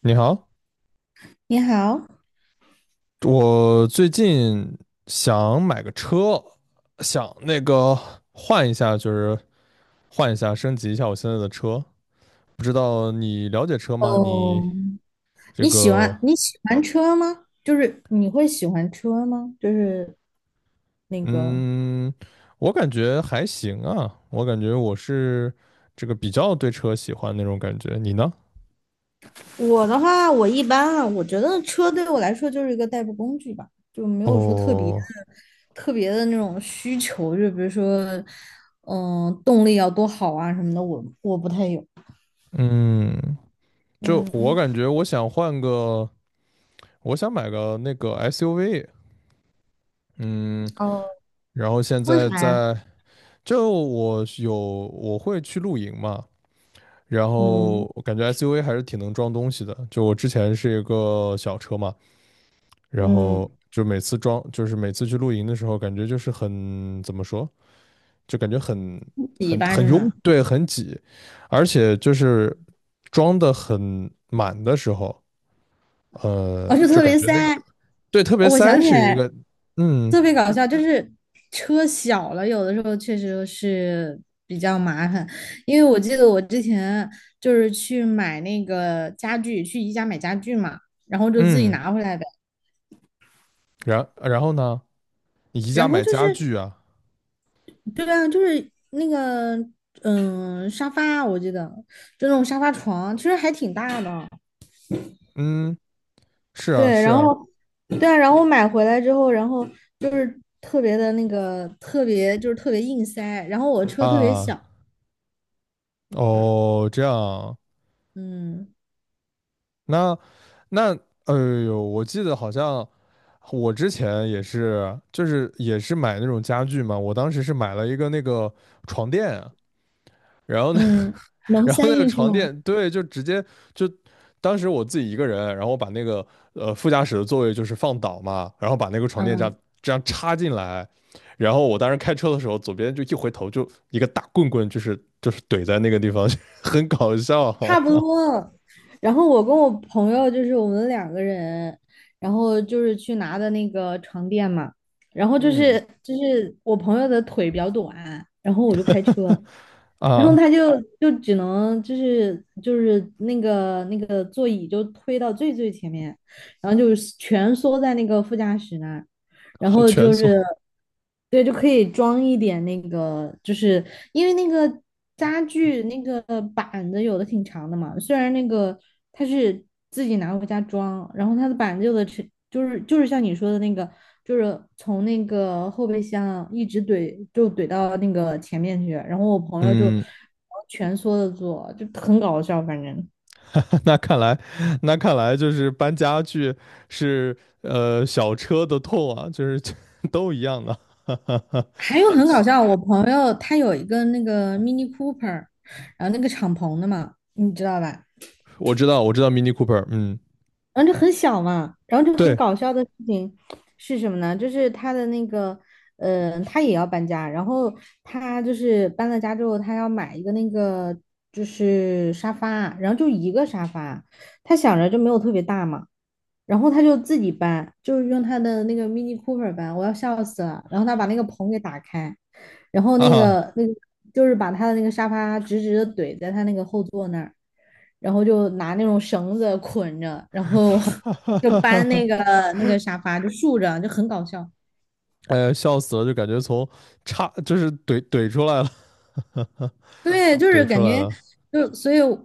你好，你好。我最近想买个车，想换一下，升级一下我现在的车。不知道你了解车吗？你哦，这你喜个，欢你喜欢车吗？就是你会喜欢车吗？那个嗯，我感觉还行啊，我感觉我是比较对车喜欢那种感觉。你呢？我的话，我一般啊，我觉得车对我来说就是一个代步工具吧，就没有说特别的哦，那种需求，就比如说，动力要多好啊什么的，我不太有。嗯，就我嗯。感觉我想换个，我想买个那个 SUV，嗯。哦，然后现为在啥呀？在，就我是有我会去露营嘛，然后嗯我感觉 SUV 还是挺能装东西的。就我之前是一个小车嘛，然后嗯，就每次装，就是每次去露营的时候，感觉就是很，怎么说，就感觉很比吧是拥，吗？对，很挤，而且就是装的很满的时候，我就就特感别觉塞。那个，对，特别哦我想塞起是一来个，嗯特别搞笑，就是车小了，有的时候确实是比较麻烦。因为我记得我之前就是去买那个家具，去宜家买家具嘛，然后就自己嗯，拿回来的。然后呢？你宜家然后买就家是，具啊？对啊，就是那个嗯沙发，我记得就那种沙发床，其实还挺大的。嗯，是啊，对，是然啊，后对啊，然后买回来之后，然后就是特别的那个特别就是特别硬塞，然后我车特别啊，小。哦，这样啊，嗯。那那，哎呦，我记得好像我之前也是，就是也是买那种家具嘛，我当时是买了一个那个床垫啊，然后呢，嗯，能然后塞那个进去床吗？垫，对，就直接就当时我自己一个人，然后我把那个副驾驶的座位就是放倒嘛，然后把那个床垫这样嗯，这样插进来，然后我当时开车的时候，左边就一回头就一个大棍棍，就是怼在那个地方，很搞笑 差不多。然后我跟我朋友就是我们两个人，然后就是去拿的那个床垫嘛，然 后就嗯，是就是我朋友的腿比较短，然后我就开车，然后啊，他就只能就是那个座椅就推到最前面，然后就是蜷缩在那个副驾驶那儿。然好后蜷就是，缩。对，就可以装一点那个，就是因为那个家具那个板子有的挺长的嘛，虽然那个它是自己拿回家装，然后它的板子有的是就是像你说的那个，就是从那个后备箱一直怼就怼到那个前面去，然后我朋友就嗯，蜷缩着坐，就很搞笑，反正。那看来，那看来就是搬家具是小车的痛啊，就是 都一样的。还有很搞笑，我朋友他有一个那个 Mini Cooper，然后那个敞篷的嘛，你知道吧？我知道，我知道 Mini Cooper，嗯，然后就很小嘛，然后就很对搞笑的事情是什么呢？就是他的那个，他也要搬家，然后他就是搬了家之后，他要买一个那个就是沙发，然后就一个沙发，他想着就没有特别大嘛，然后他就自己搬，就是用他的那个 Mini Cooper 搬，我要笑死了。然后他把那个棚给打开。然后那啊，个那个就是把他的那个沙发直直的怼在他那个后座那儿，然后就拿那种绳子捆着，然后 就搬那个 沙发就竖着，就很搞笑。哎呀，笑死了，就感觉从叉就是怼出来了，对，就是怼出感来觉了，就所以我，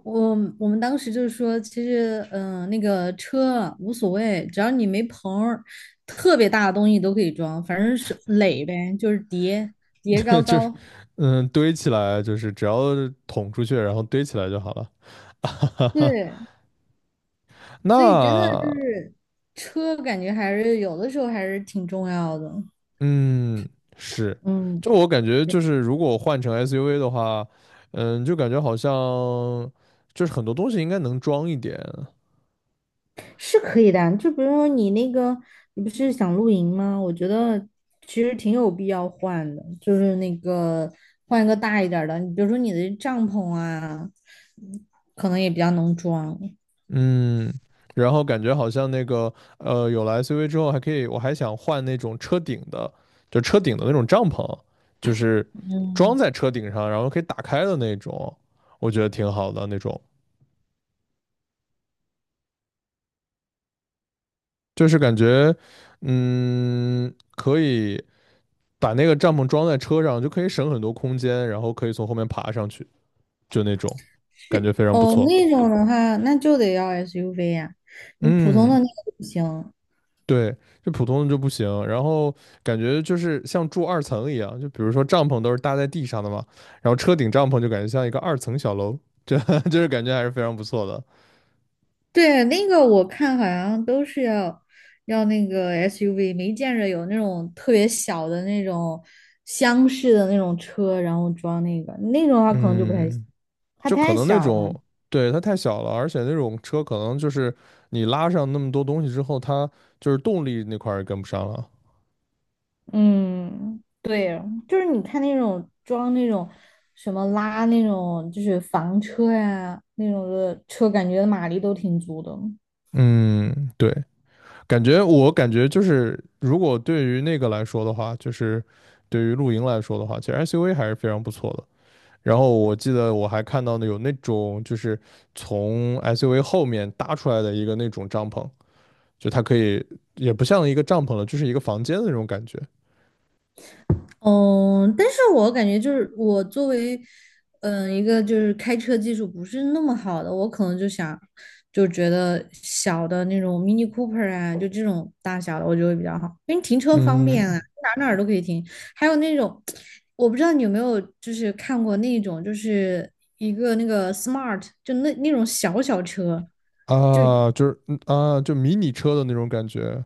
我们当时就是说，其实那个车无所谓，只要你没棚儿特别大的东西都可以装，反正是垒呗，就是叠叠 对，高就是高。堆起来，就是只要捅出去，然后堆起来就好了。对，所以真的就那是车，感觉还是有的时候还是挺重要的。嗯是，嗯，就我感觉就是如果换成 SUV 的话，就感觉好像就是很多东西应该能装一点，是可以的啊。就比如说你那个，你不是想露营吗？我觉得其实挺有必要换的，就是那个换一个大一点儿的。你比如说你的帐篷啊，嗯可能也比较能装。嗯，然后感觉好像那个有了 SUV 之后还可以，我还想换那种车顶的，就车顶的那种帐篷，就是装嗯，在车顶上，然后可以打开的那种，我觉得挺好的那种，就是感觉可以把那个帐篷装在车上，就可以省很多空间，然后可以从后面爬上去，就那种感觉是，非常不哦，错。那种的话，那就得要 SUV 呀、你普通嗯的那个不行。对，就普通的就不行。然后感觉就是像住二层一样，就比如说帐篷都是搭在地上的嘛，然后车顶帐篷就感觉像一个二层小楼，这 就是感觉还是非常不错的。对，那个我看好像都是要那个 SUV，没见着有那种特别小的那种厢式的那种车，然后装那个那种的话可能就不太行，嗯，它就可太能那小了。种，对，它太小了，而且那种车可能就是你拉上那么多东西之后，它就是动力那块儿也跟不上了。嗯，对，就是你看那种装那种什么拉那种就是房车呀、那种的车，感觉马力都挺足的。嗯，对，感觉我感觉就是，如果对于那个来说的话，就是对于露营来说的话，其实 SUV 还是非常不错的。然后我记得我还看到呢，有那种就是从 SUV 后面搭出来的一个那种帐篷，就它可以也不像一个帐篷了，就是一个房间的那种感觉。嗯，但是我感觉就是我作为，嗯、一个就是开车技术不是那么好的，我可能就想，就觉得小的那种 Mini Cooper 啊，就这种大小的，我觉得会比较好，因为停车方便啊，嗯哪儿都可以停。还有那种，我不知道你有没有就是看过那种，就是一个那个 Smart，就那种小小车，啊，就是嗯啊，就迷你车的那种感觉。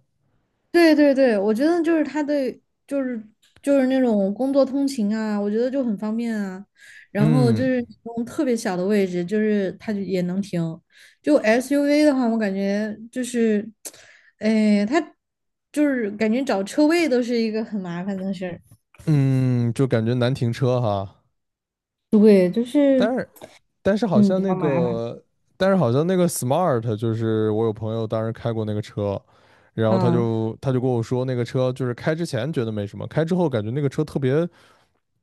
对对对，我觉得就是他对，就是就是那种工作通勤啊，我觉得就很方便啊。然后就嗯是那种特别小的位置，就是它就也能停。就 SUV 的话，我感觉就是，哎，它就是感觉找车位都是一个很麻烦的事儿。嗯，就感觉难停车哈。对，就是但是但是好嗯，像比那较麻烦个，但是好像那个 Smart 就是我有朋友当时开过那个车，然后他啊。就他就跟我说那个车就是开之前觉得没什么，开之后感觉那个车特别。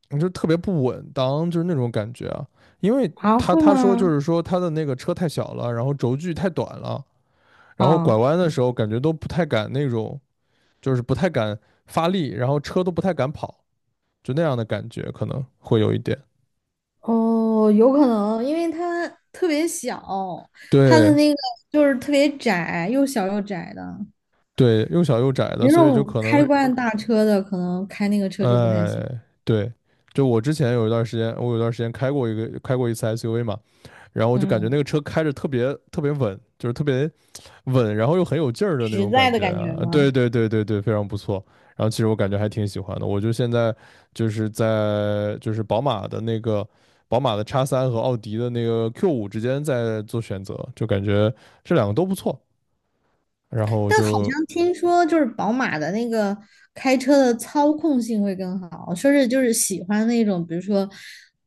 你就特别不稳当，就是那种感觉啊。因为啊，他会他说就吗？是说他的那个车太小了，然后轴距太短了，然后拐啊。弯的时候感觉都不太敢那种，就是不太敢发力，然后车都不太敢跑，就那样的感觉可能会有一点。哦，有可能，因为它特别小，它的对那个就是特别窄，又小又窄的。对，又小又窄的，有那所以就种可开能，惯大车的，可能开那个车就不太行。哎，对，就我之前有一段时间，我有一段时间开过一次 SUV 嘛，然后我就感觉那嗯，个车开着特别特别稳，就是特别稳，然后又很有劲儿的那实种在感的觉感觉啊！对吗？对对对对，非常不错。然后其实我感觉还挺喜欢的，我就现在在宝马的那个宝马的 X3和奥迪的那个 Q 五之间在做选择，就感觉这两个都不错。然后我但好就像听说就是宝马的那个开车的操控性会更好，说是就是喜欢那种，比如说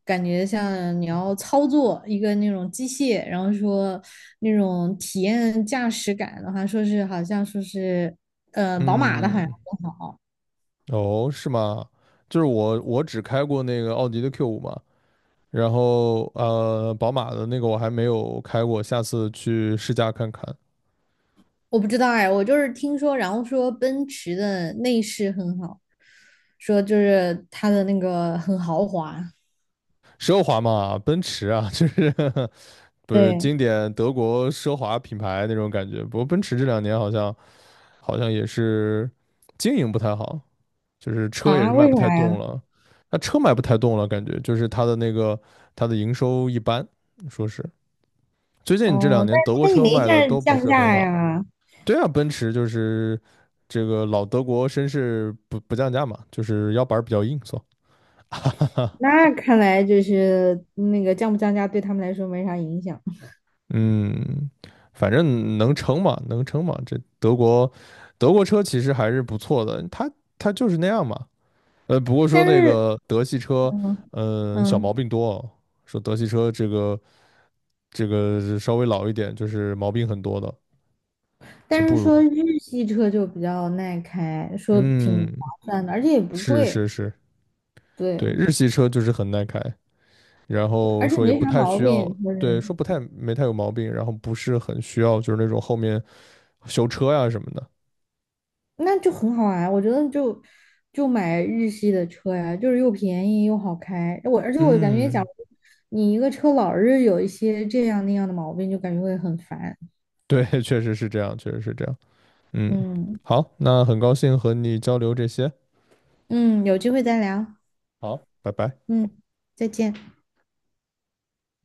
感觉像你要操作一个那种机械，然后说那种体验驾驶感的话，说是好像说是宝马的好像嗯，更好。哦，是吗？就是我只开过那个奥迪的 Q 五嘛，然后宝马的那个我还没有开过，下次去试驾看看。我不知道哎，我就是听说，然后说奔驰的内饰很好，说就是它的那个很豪华。奢华嘛，奔驰啊，就是 不是对经典德国奢华品牌那种感觉。不过奔驰这两年好像也是经营不太好，就是车也是啊，卖为不太啥动呀？了。那车卖不太动了，感觉就是它的那个它的营收一般，说是最近这两哦，年但是德国它也车没卖的降都不降是很价好。呀。对啊，奔驰就是这个老德国绅士不降价嘛，就是腰板儿比较硬，哈。那看来就是那个降不降价对他们来说没啥影响。嗯，反正能撑嘛，能撑嘛。这德国车其实还是不错的，它就是那样嘛。不过说但那是 个德系 车，嗯。嗯、小毛嗯，病多哦。说德系车这个是稍微老一点，就是毛病很多的，但就是不说如。日系车就比较耐开，说挺划嗯，算的，而且也不是贵。是是，对，对，日系车就是很耐开，然而后且说也没不啥太毛需要，病，就对，是说不太没太有毛病，然后不是很需要就是那种后面修车呀什么的。那就很好啊，我觉得就买日系的车呀，就是又便宜又好开。我而且我感觉，讲，嗯。你一个车老是有一些这样那样的毛病，就感觉会很烦。对，确实是这样，确实是这样。嗯，嗯。好，那很高兴和你交流这些。嗯，有机会再聊。好，拜拜。嗯，再见。